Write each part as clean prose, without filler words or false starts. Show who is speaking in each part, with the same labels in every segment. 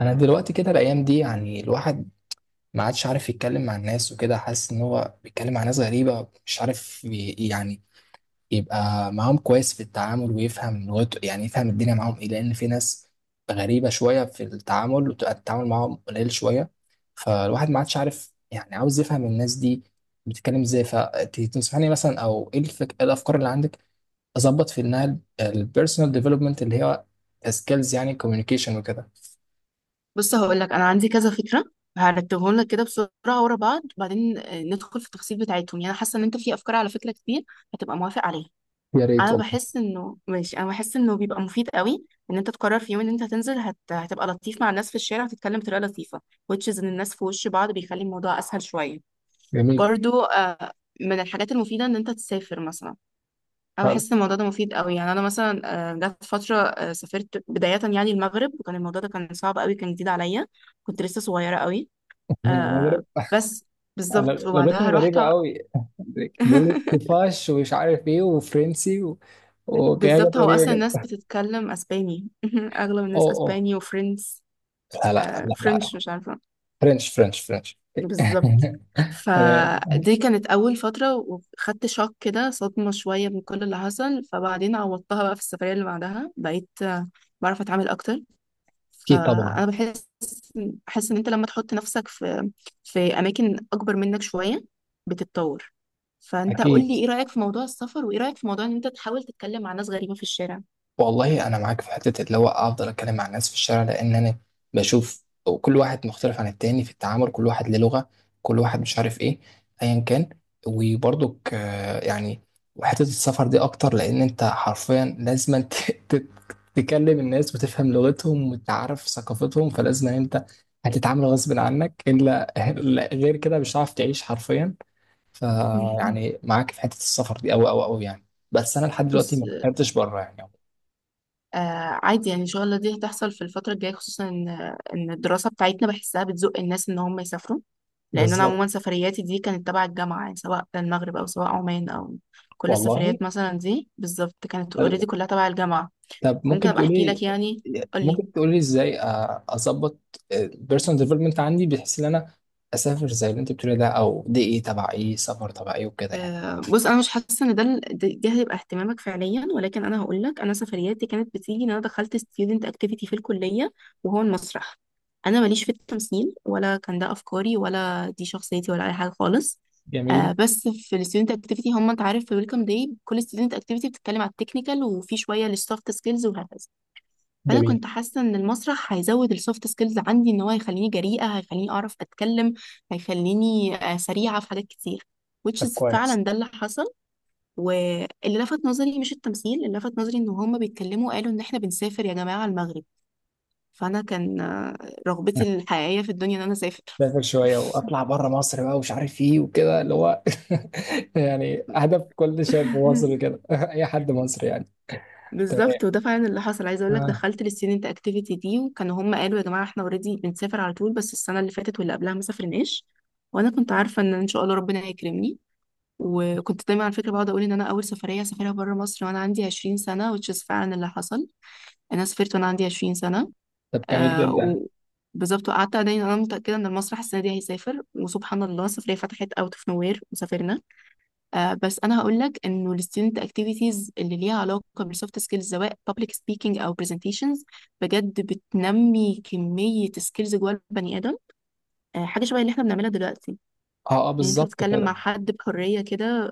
Speaker 1: انا دلوقتي كده الايام دي يعني الواحد ما عادش عارف يتكلم مع الناس وكده، حاسس ان هو بيتكلم مع ناس غريبه مش عارف يعني يبقى معاهم كويس في التعامل ويفهم لغته، يعني يفهم الدنيا معاهم ايه، لان في ناس غريبه شويه في التعامل وتبقى التعامل معاهم قليل شويه. فالواحد ما عادش عارف، يعني عاوز يفهم الناس دي بتتكلم ازاي. فتنصحني مثلا؟ او ايه إيه الافكار اللي عندك اظبط في انها البيرسونال ديفلوبمنت اللي هي سكيلز، يعني كوميونيكيشن وكده.
Speaker 2: بص، هقول لك انا عندي كذا فكره. هرتبهم لك كده بسرعه ورا بعض وبعدين ندخل في التفاصيل بتاعتهم. يعني انا حاسه ان انت في افكار على فكره كتير هتبقى موافق عليها.
Speaker 1: يا ريت
Speaker 2: انا
Speaker 1: والله.
Speaker 2: بحس انه ماشي، انا بحس انه بيبقى مفيد قوي ان انت تقرر في يوم ان انت هتنزل هتبقى لطيف مع الناس في الشارع وتتكلم بطريقه لطيفه، which is ان الناس في وش بعض بيخلي الموضوع اسهل شويه.
Speaker 1: جميل.
Speaker 2: برضو، من الحاجات المفيده ان انت تسافر مثلا. انا بحس إن الموضوع ده مفيد قوي. يعني انا مثلا جت فتره، سافرت بدايه يعني المغرب، وكان الموضوع ده كان صعب قوي، كان جديد عليا. كنت لسه صغيره قوي.
Speaker 1: المغرب.
Speaker 2: آه، بس بالظبط.
Speaker 1: لغتهم
Speaker 2: وبعدها رحت
Speaker 1: غريبة قوي. بيقول لك كيفاش ومش عارف ايه وفرنسي و... وحاجات
Speaker 2: بالظبط، هو
Speaker 1: غريبة
Speaker 2: اصلا الناس
Speaker 1: جدا.
Speaker 2: بتتكلم اسباني. اغلب الناس
Speaker 1: اوه اوه.
Speaker 2: اسباني وفرنس.
Speaker 1: لا لا لا لا.
Speaker 2: فرنش مش عارفه.
Speaker 1: فرنش فرنش فرنش
Speaker 2: بالظبط.
Speaker 1: تمام.
Speaker 2: فدي كانت اول فتره، وخدت شوك كده، صدمه شويه، من كل اللي حصل. فبعدين عوضتها بقى في السفريه اللي بعدها، بقيت بعرف اتعامل اكتر.
Speaker 1: اكيد طبعا.
Speaker 2: فانا بحس ان انت لما تحط نفسك في اماكن اكبر منك شويه بتتطور. فانت قول
Speaker 1: اكيد.
Speaker 2: لي، ايه رايك في موضوع السفر؟ وايه رايك في موضوع ان انت تحاول تتكلم مع ناس غريبه في الشارع؟
Speaker 1: والله انا معاك في حته اللي هو افضل اتكلم مع الناس في الشارع، لان انا بشوف كل واحد مختلف عن التاني في التعامل، كل واحد له لغه، كل واحد مش عارف ايه، ايا كان. وبرضك وحته السفر دي اكتر، لان انت حرفيا لازم تكلم الناس وتفهم لغتهم وتعرف ثقافتهم، فلازم انت هتتعامل غصب عنك، الا إلا غير كده مش هتعرف تعيش حرفيا. فيعني معاك في حته السفر دي اوي اوي اوي يعني. بس انا لحد دلوقتي
Speaker 2: بص،
Speaker 1: ما سافرتش بره يعني.
Speaker 2: آه عادي يعني، ان شاء الله دي هتحصل في الفتره الجايه، خصوصا ان الدراسه بتاعتنا بحسها بتزق الناس ان هم يسافروا. لان انا
Speaker 1: بالظبط.
Speaker 2: عموما سفرياتي دي كانت تبع الجامعه، يعني سواء المغرب او سواء عمان او كل
Speaker 1: والله.
Speaker 2: السفريات مثلا دي بالظبط كانت اوريدي كلها تبع الجامعه.
Speaker 1: طب
Speaker 2: ممكن
Speaker 1: ممكن
Speaker 2: ابقى احكي
Speaker 1: تقولي؟
Speaker 2: لك يعني، قول لي.
Speaker 1: ازاي اظبط البيرسونال ديفلوبمنت عندي، بحيث ان انا اسافر زي اللي انت بتقولي ده؟ او دي ايه، تبع ايه، سفر تبع ايه وكده يعني؟
Speaker 2: بص انا مش حاسه ان ده ده هيبقى اهتمامك فعليا، ولكن انا هقول لك، انا سفرياتي كانت بتيجي ان انا دخلت ستودنت اكتيفيتي في الكليه وهو المسرح. انا ماليش في التمثيل، ولا كان ده افكاري، ولا دي شخصيتي، ولا اي حاجه خالص.
Speaker 1: جميل.
Speaker 2: بس في الستودنت اكتيفيتي، هم انت عارف، في ويلكم داي كل ستودنت اكتيفيتي بتتكلم على التكنيكال، وفي شويه للسوفت سكيلز، وهكذا. فانا
Speaker 1: جميل.
Speaker 2: كنت حاسه ان المسرح هيزود السوفت سكيلز عندي، ان هو هيخليني جريئه، هيخليني اعرف اتكلم، هيخليني سريعه في حاجات كتير، which
Speaker 1: طب
Speaker 2: is
Speaker 1: كويس.
Speaker 2: فعلا ده اللي حصل. واللي لفت نظري مش التمثيل، اللي لفت نظري ان هما بيتكلموا، قالوا ان احنا بنسافر يا جماعه المغرب. فانا كان رغبتي الحقيقيه في الدنيا ان انا اسافر.
Speaker 1: اسافر شويه واطلع بره مصر بقى ومش عارف ايه وكده، اللي هو يعني هدف كل شاب مصري كده اي حد مصري يعني. تمام.
Speaker 2: بالظبط، وده فعلا اللي حصل. عايزه اقول لك،
Speaker 1: آه.
Speaker 2: دخلت للستودنت اكتيفيتي دي، وكانوا هم قالوا يا جماعه احنا اوريدي بنسافر على طول، بس السنه اللي فاتت واللي قبلها ما سافرناش. وانا كنت عارفه ان ان شاء الله ربنا هيكرمني. وكنت دايما، على فكره، بقعد اقول ان انا اول سفريه هسافرها بره مصر وانا عندي 20 سنه، which is فعلا اللي حصل. انا سافرت وانا عندي 20 سنه.
Speaker 1: طب جميل
Speaker 2: آه
Speaker 1: جدا.
Speaker 2: و بالظبط. وقعدت دايما انا متاكده ان المسرح السنه دي هيسافر، وسبحان الله السفريه فتحت اوت اوف نوير وسافرنا. بس انا هقول لك انه الستودنت اكتيفيتيز اللي ليها علاقه بالسوفت سكيلز، سواء public speaking او presentations، بجد بتنمي كميه سكيلز جوه البني ادم. حاجه شبه اللي احنا بنعملها دلوقتي،
Speaker 1: اه اه
Speaker 2: يعني انت
Speaker 1: بالظبط
Speaker 2: بتتكلم مع
Speaker 1: كده.
Speaker 2: حد بحريه كده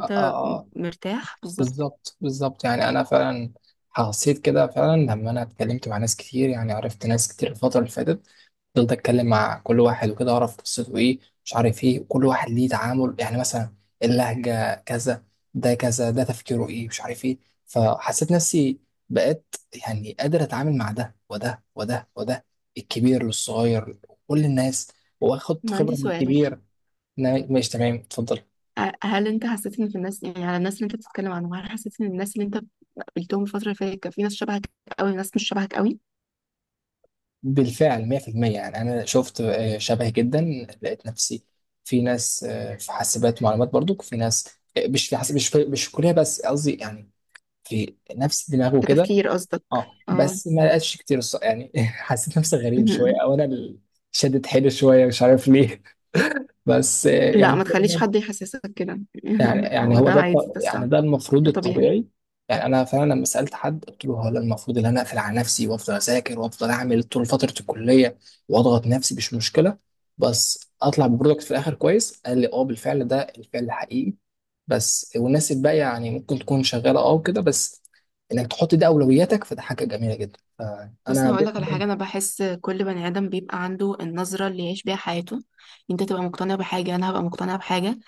Speaker 1: اه اه آه.
Speaker 2: مرتاح، بالظبط.
Speaker 1: بالظبط بالظبط. يعني انا فعلا حسيت كده فعلا لما انا اتكلمت مع ناس كتير، يعني عرفت ناس كتير الفتره اللي فاتت، فضلت اتكلم مع كل واحد وكده، اعرف قصته ايه، مش عارف ايه، وكل واحد ليه تعامل، يعني مثلا اللهجه كذا، ده كذا، ده تفكيره ايه، مش عارف ايه. فحسيت نفسي بقيت يعني قادر اتعامل مع ده وده، الكبير للصغير، كل الناس، واخد
Speaker 2: انا عندي
Speaker 1: خبره من
Speaker 2: سؤال.
Speaker 1: الكبير. ماشي تمام اتفضل.
Speaker 2: هل انت حسيت ان في الناس، يعني على الناس اللي انت بتتكلم عنهم، هل حسيت ان الناس اللي انت قابلتهم الفتره اللي فاتت كان في ناس شبهك قوي، ناس مش شبهك قوي؟
Speaker 1: بالفعل 100% يعني. انا شفت شبه جدا، لقيت نفسي في ناس، في حاسبات معلومات، برضو في ناس، مش في كليه بس، قصدي يعني في نفس الدماغ وكده.
Speaker 2: كتفكير قصدك؟
Speaker 1: اه
Speaker 2: اه.
Speaker 1: بس ما لقيتش كتير، يعني حسيت نفسي غريب شويه، او انا اللي شدت حيلي شويه، مش عارف ليه بس
Speaker 2: لا، ما تخليش حد يحسسك كده.
Speaker 1: يعني يعني
Speaker 2: هو
Speaker 1: هو
Speaker 2: ده
Speaker 1: ده
Speaker 2: عادي، ده
Speaker 1: يعني
Speaker 2: صح،
Speaker 1: ده المفروض
Speaker 2: ده طبيعي.
Speaker 1: الطبيعي. يعني انا فعلا لما سالت حد قلت له، هو أنا المفروض ان انا اقفل على نفسي وافضل اذاكر وافضل اعمل طول فتره الكليه واضغط نفسي مش مشكله، بس اطلع ببرودكت في الاخر كويس؟ قال لي اه بالفعل ده الفعل الحقيقي، بس والناس الباقيه يعني ممكن تكون شغاله اه وكده، بس انك تحط دي اولوياتك فده حاجه جميله جدا.
Speaker 2: بص
Speaker 1: فانا دي
Speaker 2: هقول لك على حاجه، انا
Speaker 1: الحاجة-
Speaker 2: بحس كل بني ادم بيبقى عنده النظره اللي يعيش بيها حياته. انت تبقى مقتنع بحاجه، انا هبقى مقتنع بحاجه.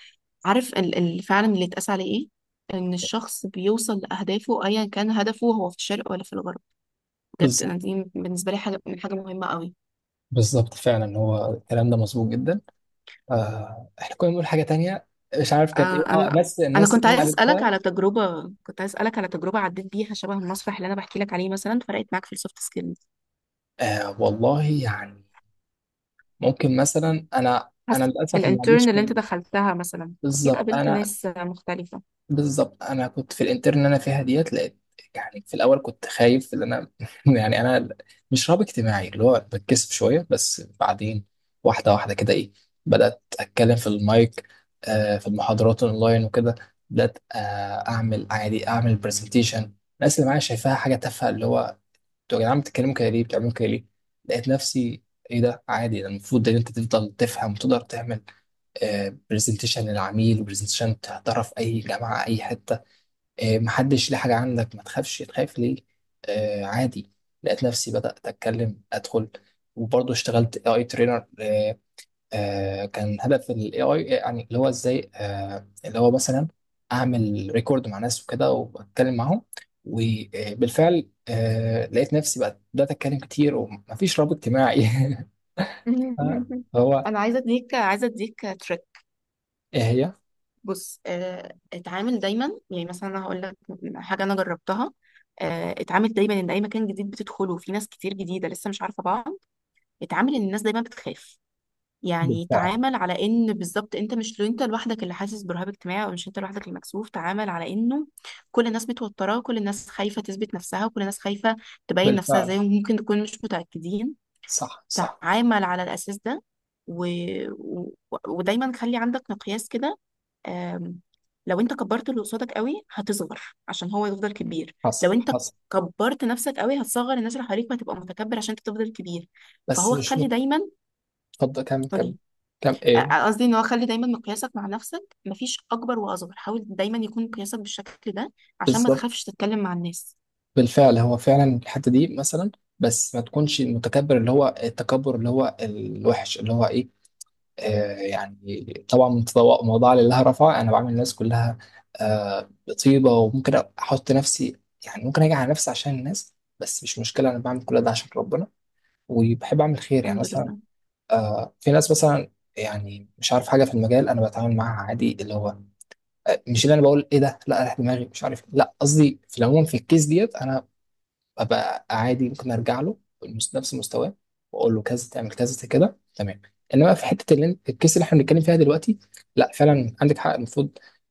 Speaker 2: عارف ال فعلا اللي اتقاس عليه ايه؟ ان الشخص بيوصل لاهدافه، ايا كان هدفه، هو في الشرق ولا في الغرب. بجد
Speaker 1: بالظبط.
Speaker 2: انا دي بالنسبه لي حاجه من حاجه مهمه قوي.
Speaker 1: بالظبط فعلا هو الكلام ده مظبوط جدا. احنا كنا بنقول حاجة تانية، مش عارف كانت
Speaker 2: آه
Speaker 1: ايه،
Speaker 2: انا
Speaker 1: اه بس
Speaker 2: انا
Speaker 1: الناس اللي انا قابلتها
Speaker 2: كنت عايز اسالك على تجربه عديت بيها شبه المسرح اللي انا بحكي لك عليه، مثلا فرقت معاك في السوفت سكيلز؟
Speaker 1: والله يعني. ممكن مثلا، انا
Speaker 2: حس...
Speaker 1: للاسف ما
Speaker 2: الانترن
Speaker 1: عنديش.
Speaker 2: اللي انت دخلتها مثلا اكيد
Speaker 1: بالظبط.
Speaker 2: قابلت
Speaker 1: انا
Speaker 2: ناس مختلفة.
Speaker 1: بالظبط انا كنت في الانترن اللي انا فيها ديت، لقيت يعني في الاول كنت خايف ان انا يعني انا مش رهاب اجتماعي اللي هو بتكسف شوية، بس بعدين واحدة واحدة كده ايه، بدأت اتكلم في المايك في المحاضرات اونلاين وكده، بدأت اعمل عادي، اعمل برزنتيشن. الناس اللي معايا شايفاها حاجة تافهة، اللي هو انتوا يا جدعان بتتكلموا كده ليه؟ بتعملوا كده ليه؟ لقيت نفسي ايه ده عادي، ده المفروض ان انت تفضل تفهم وتقدر تعمل برزنتيشن للعميل وبرزنتيشن تحضرها في اي جامعه اي حته. محدش ليه حاجه عندك، ما تخافش، تخاف ليه؟ عادي. لقيت نفسي بدات اتكلم ادخل، وبرضه اشتغلت اي ترينر. كان هدف ال AI يعني، اللي هو ازاي، اللي هو مثلا اعمل ريكورد مع ناس وكده واتكلم معاهم. وبالفعل لقيت نفسي بقى بدأت اتكلم كتير ومفيش رابط اجتماعي هو.
Speaker 2: انا عايزه اديك تريك.
Speaker 1: ايه هي؟
Speaker 2: بص، اتعامل دايما، يعني مثلا انا هقول لك حاجه انا جربتها. اتعامل دايما ان اي مكان جديد بتدخله فيه ناس كتير جديده لسه مش عارفه بعض، اتعامل ان الناس دايما بتخاف. يعني
Speaker 1: بالفعل.
Speaker 2: تعامل على ان بالظبط انت مش، لو انت لوحدك اللي حاسس برهاب اجتماعي، او مش انت لوحدك المكسوف، تعامل على انه كل الناس متوتره، كل الناس خايفه تثبت نفسها، وكل الناس خايفه تبين نفسها
Speaker 1: بالفعل.
Speaker 2: زيهم، ممكن تكون مش متاكدين.
Speaker 1: صح صح.
Speaker 2: تعامل على الاساس ده. و... و... ودايما خلي عندك مقياس كده. آم، لو انت كبرت اللي قصادك قوي هتصغر، عشان هو يفضل كبير. لو
Speaker 1: حصل
Speaker 2: انت
Speaker 1: حصل.
Speaker 2: كبرت نفسك قوي هتصغر الناس اللي حواليك، وهتبقى متكبر عشان انت تفضل كبير.
Speaker 1: بس
Speaker 2: فهو
Speaker 1: مش
Speaker 2: خلي
Speaker 1: مت-
Speaker 2: دايما
Speaker 1: اتفضل. كم كم كم ايه؟
Speaker 2: آه، قصدي ان هو خلي دايما مقياسك مع نفسك، مفيش اكبر واصغر، حاول دايما يكون مقياسك بالشكل ده عشان ما
Speaker 1: بالظبط.
Speaker 2: تخافش تتكلم مع الناس.
Speaker 1: بالفعل هو فعلا الحته دي مثلا، بس ما تكونش المتكبر، اللي هو التكبر اللي هو الوحش، اللي هو إيه؟ آه، يعني طبعا موضوع لله رفع. انا بعمل الناس كلها بطيبه، وممكن احط نفسي، يعني ممكن اجي على نفسي عشان الناس، بس مش مشكله، انا بعمل كل ده عشان ربنا، وبحب اعمل خير. يعني
Speaker 2: الحمد
Speaker 1: مثلا
Speaker 2: لله.
Speaker 1: في ناس مثلا، يعني مش عارف حاجه في المجال، انا بتعامل معاها عادي، اللي هو مش اللي انا بقول ايه ده، لا راح دماغي مش عارف، لا قصدي في العموم، في الكيس ديت انا ابقى عادي، ممكن ارجع له نفس مستواه واقول له كذا تعمل كذا كده تمام. انما في حته اللي الكيس اللي احنا بنتكلم فيها دلوقتي، لا فعلا عندك حق، المفروض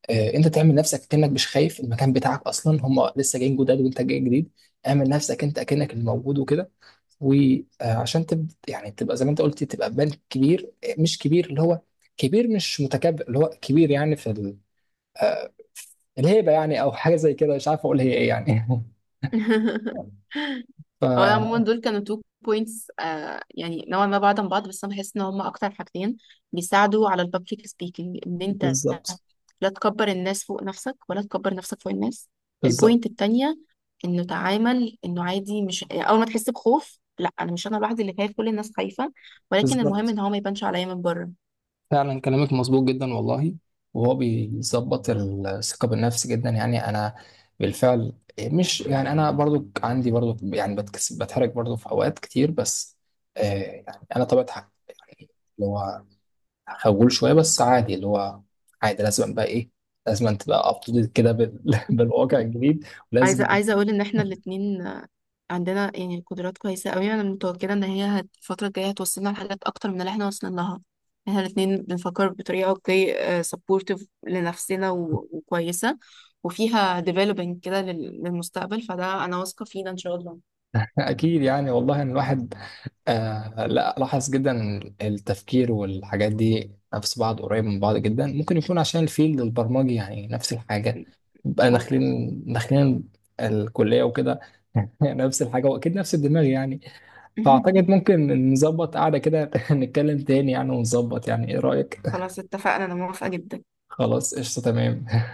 Speaker 1: انت تعمل نفسك كانك مش خايف، المكان بتاعك اصلا، هم لسه جايين جداد وانت جاي جديد، اعمل نفسك انت كانك اللي موجود وكده. وعشان تبدا يعني تبقى زي ما انت قلت، تبقى بنك كبير، مش كبير اللي هو كبير مش متكبر، اللي هو كبير يعني في آه، الهيبه يعني، او حاجه زي كده، مش عارف اقول هي ايه يعني ف
Speaker 2: هو أنا عموما دول كانوا تو بوينتس، يعني نوعا ما بعض عن بعض، بس انا بحس ان هما اكتر حاجتين بيساعدوا على البابليك سبيكينج. ان انت
Speaker 1: بالظبط.
Speaker 2: لا تكبر الناس فوق نفسك، ولا تكبر نفسك فوق الناس.
Speaker 1: بالظبط.
Speaker 2: البوينت التانية، انه تعامل انه عادي، مش اول ما تحس بخوف لا، انا مش انا لوحدي اللي خايف، كل الناس خايفة، ولكن المهم ان
Speaker 1: بالظبط
Speaker 2: هو ما يبانش عليا من بره.
Speaker 1: فعلا كلامك مظبوط جدا والله. وهو بيظبط الثقة بالنفس جدا. يعني أنا بالفعل، مش يعني أنا برضو عندي برضو يعني بتكسب بتحرك برضو في أوقات كتير، بس أنا طبيعة حاجة يعني اللي هو خجول شوية، بس عادي اللي هو عادي، لازم بقى إيه، لازم تبقى أب تو ديت كده بالواقع الجديد
Speaker 2: عايزه
Speaker 1: ولازم.
Speaker 2: عايزه اقول ان احنا الاتنين عندنا يعني قدرات كويسه قوي. انا متوكله ان هي الفتره الجايه هتوصلنا لحاجات اكتر من اللي احنا وصلنا لها. احنا الاتنين بنفكر بطريقه اوكي، سبورتيف لنفسنا وكويسه، وفيها ديفلوبينج كده للمستقبل، فده انا واثقه فينا ان شاء الله.
Speaker 1: أكيد يعني والله إن الواحد لا لاحظ جدا التفكير والحاجات دي نفس بعض، قريب من بعض جدا. ممكن يكون عشان الفيلد البرمجي، يعني نفس الحاجة، بقى
Speaker 2: ممكن.
Speaker 1: داخلين الكلية وكده نفس الحاجة وأكيد نفس الدماغ يعني. فأعتقد ممكن نظبط قعدة كده نتكلم تاني يعني، ونظبط يعني، إيه رأيك؟
Speaker 2: خلاص اتفقنا، انا موافقه جدا.
Speaker 1: خلاص قشطة تمام.